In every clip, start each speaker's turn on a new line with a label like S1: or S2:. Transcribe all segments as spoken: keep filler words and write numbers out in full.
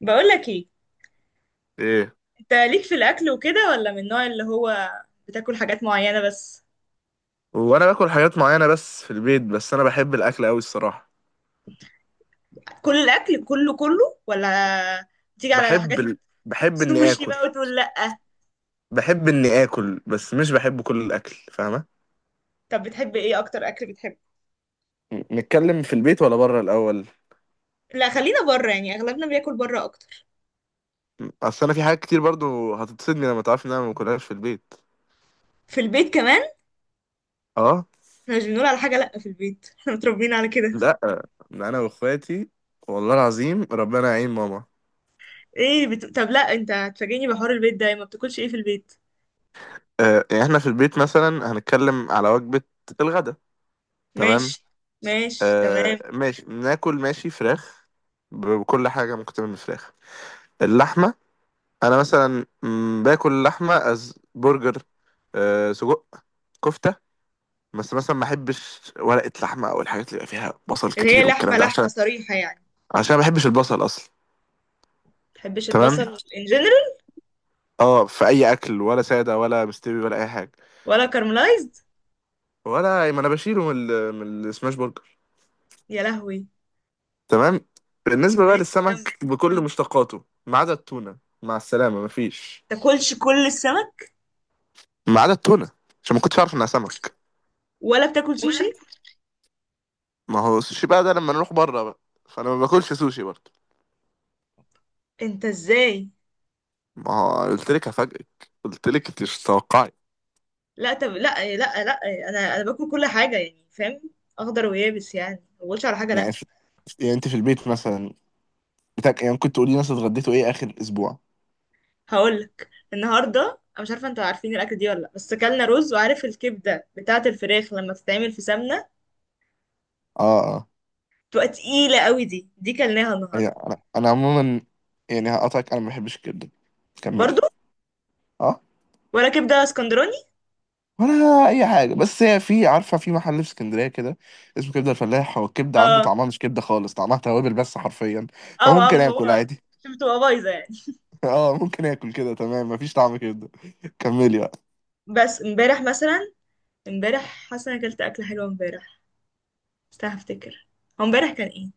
S1: بقول لك ايه؟
S2: ايه.
S1: انت ليك في الاكل وكده، ولا من النوع اللي هو بتاكل حاجات معينه بس؟
S2: وانا باكل حاجات معينه بس في البيت، بس انا بحب الاكل قوي الصراحه.
S1: كل الاكل كله كله، ولا تيجي على
S2: بحب
S1: حاجات؟
S2: ال... بحب اني
S1: سوشي
S2: اكل.
S1: بقى وتقول لا؟
S2: بحب اني اكل بس مش بحب كل الاكل، فاهمه؟
S1: طب بتحب ايه اكتر اكل بتحبه؟
S2: م- نتكلم في البيت ولا بره الاول؟
S1: لا خلينا بره، يعني اغلبنا بياكل بره اكتر.
S2: م- اصل انا في حاجات كتير برضو هتتصدمي لما تعرفي ان انا ما باكلهاش في البيت.
S1: في البيت كمان؟
S2: اه.
S1: احنا مش بنقول على حاجه لا في البيت، احنا متربيين على كده.
S2: لا، ده انا واخواتي، والله العظيم ربنا يعين ماما.
S1: ايه بت... طب، لا، انت هتفاجئني بحوار البيت ده، ما بتاكلش ايه في البيت؟
S2: آه يعني احنا في البيت مثلا هنتكلم على وجبه الغداء. تمام.
S1: ماشي. ماشي،
S2: آه
S1: تمام.
S2: ماشي، ناكل ماشي فراخ. ب- بكل حاجه ممكن تعمل من فراخ، اللحمة. أنا مثلا مم، باكل لحمة أز برجر، أه سجق، كفتة. بس مثلا ما أحبش ورقة لحمة أو الحاجات اللي بيبقى فيها بصل
S1: اللي هي
S2: كتير والكلام
S1: لحمه
S2: ده،
S1: لحمه
S2: عشان
S1: صريحه يعني، ما
S2: عشان ما بحبش البصل أصلا.
S1: بتحبش
S2: تمام.
S1: البصل ان جنرال؟
S2: اه في أي أكل، ولا سادة ولا مستوي ولا أي حاجة.
S1: ولا كارملايزد؟
S2: ولا ما أنا بشيله من ال... من السماش برجر.
S1: يا لهوي.
S2: تمام. بالنسبة بقى
S1: ماشي، كمل.
S2: للسمك بكل مشتقاته ما عدا التونة، مع السلامة مفيش.
S1: تاكلش كل السمك؟
S2: ما عدا التونة عشان ما كنتش أعرف إنها سمك.
S1: ولا بتاكل سوشي؟
S2: ما هو السوشي بقى ده لما نروح بره بقى، فانا ما باكلش سوشي برضه.
S1: انت ازاي؟
S2: ما هو قلت لك هفاجئك، قلت لك انت مش متوقعي.
S1: لا، طب، لا، لا، لا، انا انا باكل كل حاجه يعني فاهم، اخضر ويابس، يعني ما بقولش على حاجه
S2: يعني
S1: لا.
S2: في... يعني انت في البيت مثلا بتاك... يعني ممكن تقولي مثلا اتغديتوا ايه اخر اسبوع؟
S1: هقولك النهارده، انا مش عارفه انتوا عارفين الاكل دي ولا لا، بس اكلنا رز، وعارف الكبده بتاعه الفراخ لما بتتعمل في سمنه
S2: اه اه.
S1: بتبقى تقيله قوي، دي دي كلناها النهارده.
S2: يعني انا انا عموما، يعني هقطعك، انا ما بحبش الكبده. كملي.
S1: برضو؟
S2: اه.
S1: ولا كبده اسكندراني؟
S2: ولا اي حاجه، بس هي في عارفه في محل في اسكندريه كده اسمه كبده الفلاح، هو الكبده عنده
S1: اه،
S2: طعمها مش كبده خالص، طعمها توابل بس حرفيا،
S1: اه، اه،
S2: فممكن
S1: ما
S2: اكل
S1: هو
S2: عادي.
S1: شو بتبقى بايظه يعني.
S2: اه ممكن اكل كده، تمام، مفيش طعم كبده. كملي بقى.
S1: بس امبارح مثلا، امبارح حاسه انا اكلت اكله حلوه امبارح، استنى هفتكر، هو امبارح كان ايه؟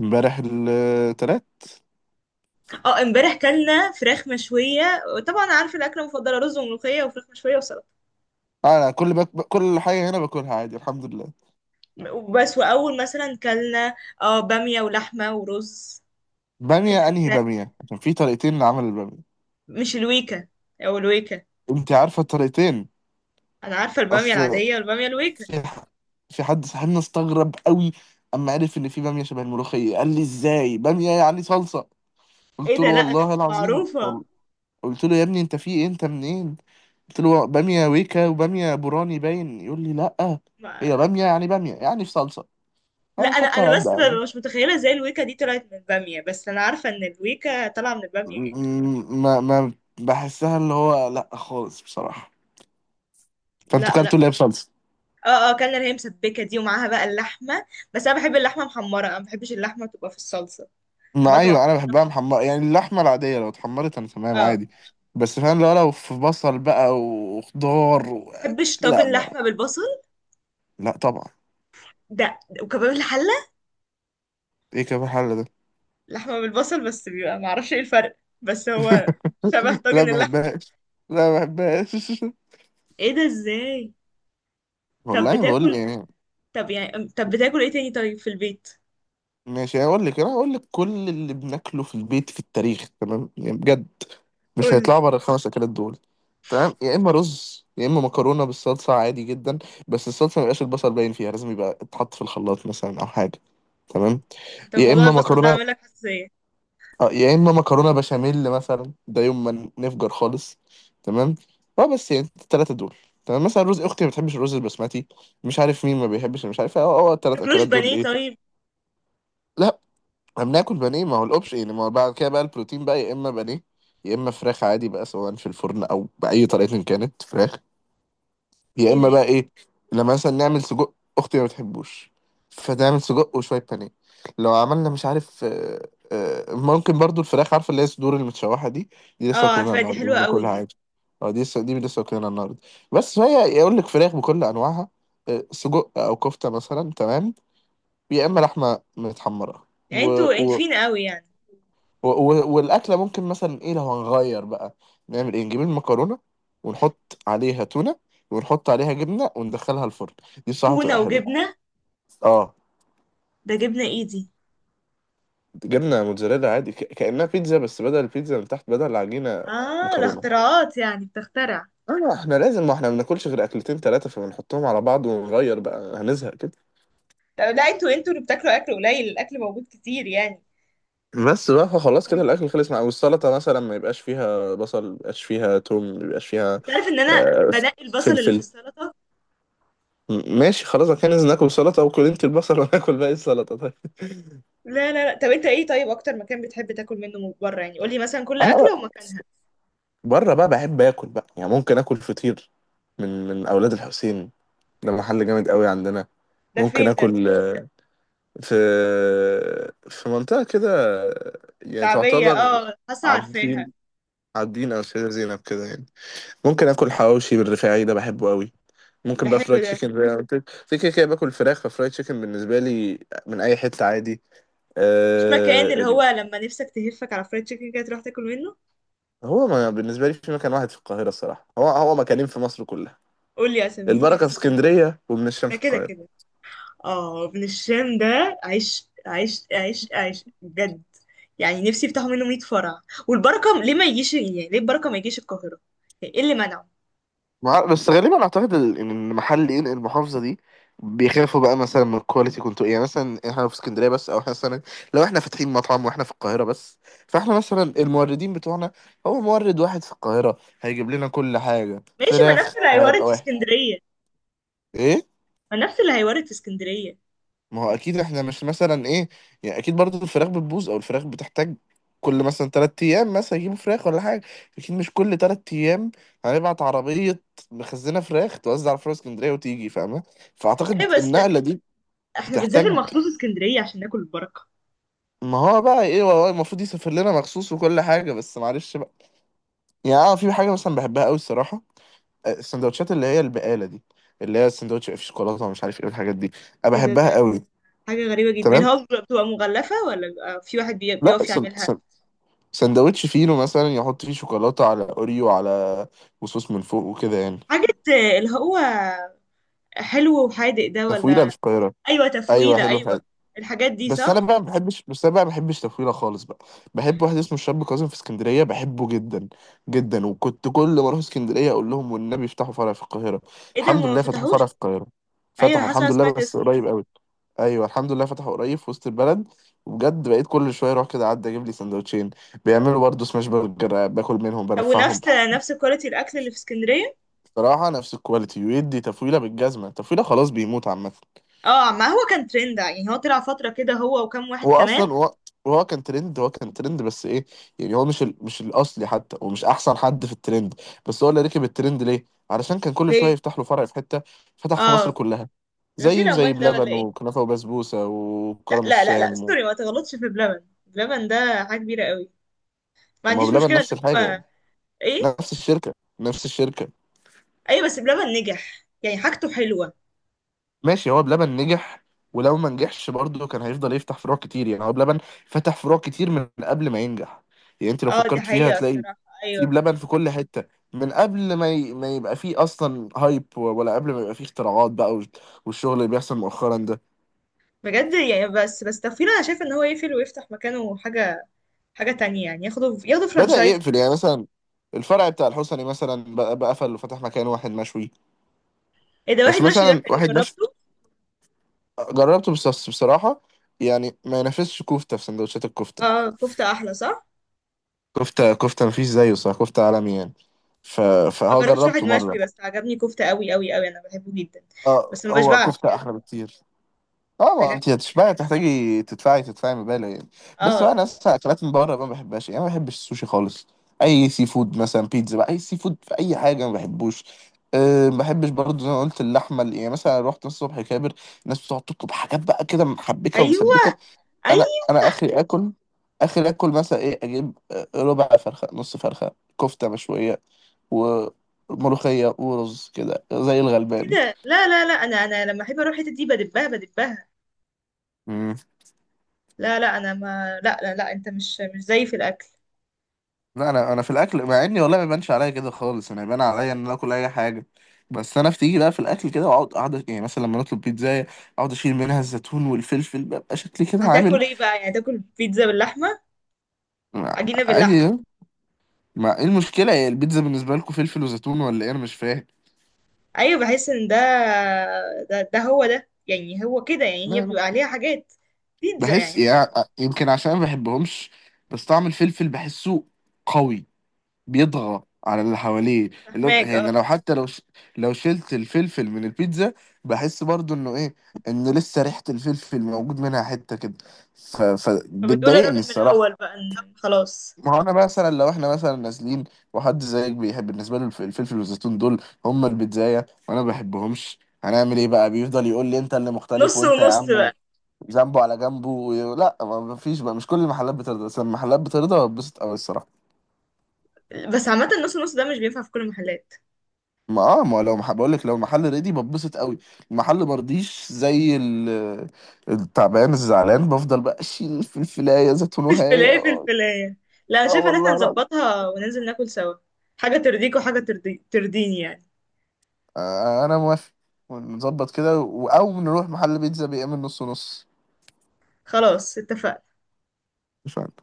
S2: امبارح التلات.
S1: اه، امبارح كلنا فراخ مشويه، طبعا عارفه الاكله المفضله رز وملوخيه وفراخ مشويه وسلطه.
S2: اه انا كل بك... كل حاجه هنا باكلها عادي الحمد لله.
S1: وبس، واول مثلا كلنا اه باميه ولحمه ورز، كانت
S2: باميه انهي
S1: اكله.
S2: باميه؟ عشان في طريقتين لعمل الباميه،
S1: مش الويكا او الويكا؟
S2: انت عارفه الطريقتين؟
S1: انا عارفه الباميه
S2: اصل
S1: العاديه والباميه الويكا.
S2: في ح- في حد صاحبنا استغرب قوي اما عرف ان في باميه شبه الملوخيه، قال لي ازاي باميه يعني صلصه؟
S1: ايه
S2: قلت له
S1: ده؟ لا، لا،
S2: والله العظيم
S1: معروفه.
S2: وال- قلت له يا ابني انت في ايه، انت منين؟ قلت له باميه ويكا وباميه بوراني، باين يقول لي لا.
S1: ما...
S2: هي باميه يعني، باميه يعني في صلصه،
S1: لا، انا
S2: فاخدته على
S1: انا بس
S2: قد.
S1: ببقى مش متخيله ازاي الويكا دي طلعت من الباميه، بس انا عارفه ان الويكا طالعه من الباميه يعني.
S2: م- ما ما بحسها اللي هو لا خالص بصراحة. فانتوا كلتوا
S1: لا.
S2: اللي هي بصلصة.
S1: اه، اه، كان اللي هي مسبكه دي ومعاها بقى اللحمه، بس انا بحب اللحمه محمره، انا ما بحبش اللحمه تبقى في الصلصه، بحبها
S2: ما
S1: تبقى
S2: ايوه انا
S1: محمره في
S2: بحبها
S1: سمنة.
S2: محمرة يعني، اللحمة العادية لو اتحمرت انا تمام
S1: اه.
S2: عادي. بس فاهم، لو لو في بصل بقى وخضار و...
S1: ما بحبش
S2: لا
S1: طاجن
S2: ما...
S1: لحمه بالبصل.
S2: لا طبعا.
S1: ده ده- وكباب الحله،
S2: ايه كيف الحل ده؟
S1: لحمه بالبصل، بس بيبقى ما اعرفش ايه الفرق، بس هو شبه
S2: لا ما
S1: طاجن اللحمه.
S2: بحبهاش، لا ما بحبهاش.
S1: ايه ده؟ ازاي؟ طب
S2: والله بقول لك
S1: بتاكل
S2: يعني.
S1: طب يعني طب بتاكل ايه تاني طيب في البيت؟
S2: ماشي هقول لك، انا هقول لك كل اللي بناكله في البيت في التاريخ، تمام يعني بجد، مش
S1: قولي.
S2: هيطلعوا بره الخمس اكلات دول. تمام. يا اما رز، يا اما مكرونه بالصلصه عادي جدا، بس الصلصه ما يبقاش البصل باين فيها، لازم يبقى اتحط في الخلاط مثلا او حاجه. تمام.
S1: انت
S2: يا
S1: موضوع
S2: اما
S1: البصل ده
S2: مكرونه
S1: عامل لك حساسيه؟
S2: آه، يا اما مكرونه بشاميل مثلا، ده يوم ما نفجر خالص. تمام. اه بس يعني الثلاثه دول. تمام. مثلا رز، اختي ما بتحبش الرز البسمتي، مش عارف مين ما بيحبش، مش عارف اه اه الثلاث
S1: تاكلوش
S2: اكلات دول
S1: بانيه
S2: ايه.
S1: طيب؟
S2: لا، احنا بناكل بانيه، ما هو الاوبشن يعني، ما هو بعد كده بقى البروتين بقى، يا اما بانيه، يا اما فراخ عادي بقى سواء في الفرن او باي طريقه إن كانت فراخ، يا
S1: ايه ده؟
S2: اما
S1: ايه
S2: بقى
S1: ده؟
S2: ايه لما مثلا نعمل سجق، اختي ما بتحبوش فتعمل سجق وشويه بانيه. لو عملنا مش عارف، آه، آه، ممكن برضو الفراخ، عارفه اللي هي الصدور المتشوحه دي، دي لسه
S1: اه
S2: واكلينها
S1: عارفه دي،
S2: النهارده، دي
S1: حلوه قوي
S2: بناكلها
S1: دي.
S2: عادي. اه دي لسه دي لسه واكلينها النهارده، بس فهي يقول لك فراخ بكل انواعها، آه، سجق او كفته مثلا. تمام. يا اما لحمه متحمره
S1: يعني انتوا
S2: و...
S1: انفين قوي يعني.
S2: و- و- والاكله ممكن مثلا ايه، لو هنغير بقى نعمل ايه، نجيب المكرونه ونحط عليها تونه ونحط عليها جبنه وندخلها الفرن، دي بصراحه
S1: تونه
S2: تبقى حلوه.
S1: وجبنه؟
S2: اه
S1: ده جبنه ايدي؟
S2: جبنه موتزاريلا عادي، ك- كانها بيتزا، بس بدل البيتزا من تحت، بدل العجينه
S1: اه، ده
S2: مكرونه.
S1: اختراعات يعني، بتخترع.
S2: اه احنا لازم، ما احنا ما بناكلش غير اكلتين ثلاثه، فبنحطهم على بعض ونغير بقى هنزهق كده.
S1: طب لا، انتوا انتوا اللي بتاكلوا اكل قليل، الاكل موجود كتير يعني.
S2: بس بقى فخلاص كده الاكل خلص، مع، والسلطه مثلا ما يبقاش فيها بصل، ما يبقاش فيها توم، ما يبقاش فيها
S1: تعرف ان انا
S2: آه،
S1: بنقي البصل اللي في
S2: فلفل.
S1: السلطة؟
S2: م- ماشي خلاص، انا كان ناكل سلطه او كل انت البصل وناكل باقي السلطه، طيب.
S1: لا، لا، لا، طب انت ايه طيب؟ اكتر مكان بتحب تاكل منه من بره، يعني قولي مثلا كل
S2: انا
S1: اكله
S2: بقى-
S1: ومكانها.
S2: بره بقى بحب اكل بقى يعني، ممكن اكل فطير من من اولاد الحسين، ده محل جامد قوي عندنا.
S1: ده
S2: ممكن
S1: فين ده؟
S2: اكل آه، في في منطقه كده، آه، يعني
S1: شعبية،
S2: تعتبر
S1: اه، حاسة عارفاها.
S2: عابدين، عابدين او سيدة زينب كده يعني. ممكن اكل حواوشي بالرفاعي، ده بحبه قوي. ممكن
S1: ده
S2: بقى
S1: حلو
S2: فرايد
S1: ده.
S2: تشيكن زي ما قلت لك. في كده كده باكل فراخ، ففرايد تشيكن بالنسبه لي من اي حته عادي.
S1: مفيش مكان اللي هو لما نفسك تهفك على فرايد تشيكن كده تروح تاكل منه؟
S2: هو ما بالنسبة لي في مكان واحد في القاهرة الصراحة، هو هو مكانين في مصر كلها.
S1: قول لي يا سمير.
S2: البركة في اسكندرية، وابن الشام
S1: ده
S2: في
S1: كده
S2: القاهرة.
S1: كده. اه، ابن الشام ده عيش عيش عيش عيش بجد، يعني نفسي يفتحوا منه مية فرع. والبركه ليه ما يجيش، يعني ليه البركه ما يجيش القاهره؟ يعني ايه اللي منعه؟
S2: مع... بس غالبا اعتقد ال- ان محل ينقل المحافظه دي، بيخافوا بقى مثلا من الكواليتي، كنتوا يعني مثلا احنا في اسكندريه بس، او مثلا لو احنا فاتحين مطعم واحنا في القاهره بس، فاحنا مثلا الموردين بتوعنا، هو مورد واحد في القاهره هيجيب لنا كل حاجه،
S1: ماشي، ما نفس
S2: فراخ
S1: اللي هيوارد
S2: هيبقى
S1: في
S2: واحد.
S1: اسكندريه.
S2: ايه
S1: ما نفس اللي هيوارد في اسكندريه.
S2: ما هو اكيد، احنا مش مثلا ايه، يعني اكيد برضو الفراخ بتبوظ او الفراخ بتحتاج، كل مثلا تلات ايام مثلا يجيبوا فراخ ولا حاجه، اكيد مش كل تلات ايام هنبعت عربيه مخزنه فراخ توزع على فروع اسكندريه وتيجي، فاهمه؟
S1: ايه
S2: فاعتقد
S1: بس،
S2: النقله دي
S1: احنا بنسافر
S2: بتحتاج.
S1: مخصوص اسكندريه عشان ناكل البركه.
S2: ما هو بقى ايه، والله المفروض يسافر لنا مخصوص وكل حاجه، بس معلش بقى. يعني اه في حاجه مثلا بحبها قوي الصراحه، آه، السندوتشات اللي هي البقاله دي، اللي هي السندوتش في شوكولاته ومش عارف ايه الحاجات دي، انا
S1: ايه ده؟
S2: بحبها
S1: ده
S2: قوي.
S1: حاجه غريبه جدا. اللي
S2: تمام.
S1: هو بتبقى مغلفه، ولا بيبقى في واحد بي-
S2: لا،
S1: بيقف يعملها؟
S2: سندوتش فينو مثلا يحط فيه شوكولاته على اوريو، على وصوص من فوق وكده يعني.
S1: حاجه اللي هو حلو وحادق ده،
S2: تفويله
S1: ولا؟
S2: الفقيره.
S1: ايوه
S2: ايوه
S1: تفويله،
S2: حلو
S1: ايوه.
S2: حلو.
S1: الحاجات دي
S2: بس انا
S1: صح؟
S2: بقى ما بحبش بس انا بقى ما بحبش تفويله خالص بقى. بحب واحد اسمه الشاب كاظم في اسكندريه، بحبه جدا جدا، وكنت كل ما اروح اسكندريه اقول لهم والنبي افتحوا فرع في القاهره.
S1: ايه ده؟
S2: الحمد
S1: هما ما
S2: لله فتحوا
S1: فتحوش؟
S2: فرع في القاهره،
S1: ايوه،
S2: فتحوا
S1: انا حاسه إن أنا
S2: الحمد لله
S1: سمعت
S2: بس
S1: اسمه.
S2: قريب قوي. ايوه الحمد لله فتحوا قريب في وسط البلد، وبجد بقيت كل شويه اروح كده اعدي اجيب لي سندوتشين. بيعملوا برضه سماش برجر، باكل منهم
S1: طب
S2: بنفعهم.
S1: ونفس نفس كواليتي الاكل اللي في اسكندريه؟
S2: صراحة نفس الكواليتي، ويدي تفويلة بالجزمة، تفويلة خلاص، بيموت عامة.
S1: اه، ما هو كان ترند يعني، هو طلع فتره كده هو وكم واحد
S2: هو
S1: كمان.
S2: أصلا هو هو كان ترند، هو كان ترند بس إيه، يعني هو مش ال... مش الأصلي حتى، ومش أحسن حد في الترند، بس هو اللي ركب الترند ليه؟ علشان كان كل شوية
S1: ليه؟
S2: يفتح له فرع في حتة، فتح في مصر
S1: اه.
S2: كلها.
S1: غسيل
S2: زيه زي
S1: اموال ده ولا
S2: بلبن
S1: ايه؟
S2: وكنافة وبسبوسة
S1: لا،
S2: وكرم
S1: لا، لا، لا،
S2: الشام و...
S1: سوري، ما تغلطش في بلبن، بلبن ده حاجه كبيره قوي، ما
S2: ما هو
S1: عنديش
S2: بلبن
S1: مشكله ان
S2: نفس الحاجة
S1: هو.
S2: يعني،
S1: ايه؟
S2: نفس الشركة نفس الشركة.
S1: ايوه، بس بلبن نجح، يعني حاجته حلوه.
S2: ماشي هو بلبن نجح، ولو ما نجحش برضه كان هيفضل يفتح فروع كتير، يعني هو بلبن فتح فروع كتير من قبل ما ينجح، يعني انت لو
S1: اه، دي
S2: فكرت فيها
S1: حقيقه
S2: هتلاقي
S1: الصراحه.
S2: في
S1: ايوه.
S2: بلبن في كل حتة، من قبل ما ي... ما يبقى فيه اصلا هايب، ولا قبل ما يبقى فيه اختراعات بقى وال- والشغل اللي بيحصل مؤخرا ده.
S1: بجد يعني، بس بس تفكير، انا شايف ان هو يقفل ويفتح مكانه حاجه، حاجه تانية يعني، ياخده ياخده
S2: بدأ
S1: فرانشايز.
S2: يقفل يعني، مثلا الفرع بتاع الحسني مثلا بقى بقى قفل وفتح مكان واحد مشوي.
S1: ايه ده؟
S2: بس
S1: واحد ماشي، ده
S2: مثلا
S1: حلو،
S2: واحد مشوي
S1: جربته.
S2: جربته، بس بس بصراحة يعني ما ينافسش كفتة في سندوتشات الكفتة.
S1: اه، كفته احلى صح؟
S2: كفتة كفتة مفيش زيه، صح كفتة عالمي يعني. ف...
S1: ما
S2: فهو
S1: جربتش واحد
S2: جربته مرة.
S1: مشوي، بس عجبني كفتة قوي قوي قوي، انا بحبه جدا.
S2: اه
S1: بس ما
S2: هو
S1: بشبعش
S2: كفتة
S1: يعني.
S2: أحلى بكتير. اه ما
S1: محتاجة
S2: انت
S1: اكل.
S2: هتشبعي، تحتاجي تدفعي تدفعي مبالغ يعني. بس بقى
S1: اه.
S2: انا اصلا اكلات من بره ما بحبهاش يعني، أنا ما بحبش السوشي خالص، اي سي فود مثلا، بيتزا بقى، اي سي فود في اي حاجه ما بحبوش. أه ما بحبش برضه زي ما قلت، اللحمه اللي- يعني مثلا رحت الصبح كابر، الناس بتقعد تطلب حاجات بقى كده محبكه
S1: ايوه،
S2: ومسبكه. انا
S1: ايوه.
S2: انا اخري اكل، اخري اكل مثلا ايه، اجيب آه، ربع فرخه، نص فرخه، كفته مشويه وملوخية ورز كده زي الغلبان.
S1: كده؟ لا، لا، لا، انا انا لما احب اروح الحتة دي بدبها بدبها.
S2: مم.
S1: لا، لا، انا ما لا، لا، لا، انت مش مش زيي في الاكل.
S2: لا انا انا في الاكل، مع اني والله ما بيبانش عليا كده خالص، انا يبان عليا ان انا اكل اي حاجه، بس انا بتيجي بقى في الاكل كده، واقعد اقعد يعني مثلا لما نطلب بيتزا اقعد اشيل منها الزيتون والفلفل، ببقى شكلي كده عامل.
S1: هتاكل ايه بقى يعني؟ تاكل بيتزا باللحمة؟ عجينة
S2: عادي
S1: باللحمة؟
S2: يعني. ما ايه المشكله، هي البيتزا بالنسبه لكم فلفل وزيتون ولا ايه، انا مش فاهم.
S1: ايوه، بحس ان ده، ده, ده هو ده يعني، هو كده يعني،
S2: لا
S1: هي
S2: لا
S1: بيبقى عليها حاجات. بيتزا
S2: بحس
S1: يعني.
S2: يعني، يمكن عشان ما بحبهمش، بس طعم الفلفل بحسه قوي، بيطغى على اللي حواليه. اللي هو
S1: فاهماك،
S2: يعني،
S1: اه.
S2: لو حتى لو ش... لو شلت الفلفل من البيتزا، بحس برضو انه ايه، انه لسه ريحة الفلفل موجود منها حتة كده، ف...
S1: فبتقول
S2: فبتضايقني
S1: الراجل من
S2: الصراحة.
S1: الاول بقى إن خلاص،
S2: ما هو انا مثلا لو احنا مثلا نازلين، وحد زيك بيحب بالنسبة له الف- الفلفل والزيتون دول هم البيتزاية، وانا ما بحبهمش، هنعمل ايه بقى؟ بيفضل يقول لي انت اللي مختلف،
S1: نص
S2: وانت يا
S1: ونص
S2: عم
S1: بقى.
S2: ذنبه على جنبه و... لا ما ما فيش بقى، مش كل المحلات بترضى، بس المحلات بترضى بتبسط قوي الصراحة.
S1: بس عامة النص نص ده مش بينفع في كل المحلات.
S2: ما اه ما لو مح... بقول لك لو المحل ريدي بتبسط قوي، المحل مرضيش زي ال... التعبان الزعلان بفضل بقى اشيل الفلفلايه زيتون وهاية
S1: الفلاية في
S2: اه.
S1: الفلاية. لا، أنا
S2: آه
S1: شايفة ان احنا
S2: والله العظيم.
S1: نظبطها وننزل ناكل سوا، حاجة ترضيك وحاجة ترضي... ترضيني يعني.
S2: آه انا موافق، نظبط كده و- او نروح محل بيتزا بيعمل نص نص.
S1: خلاص اتفقنا
S2: مش عارف.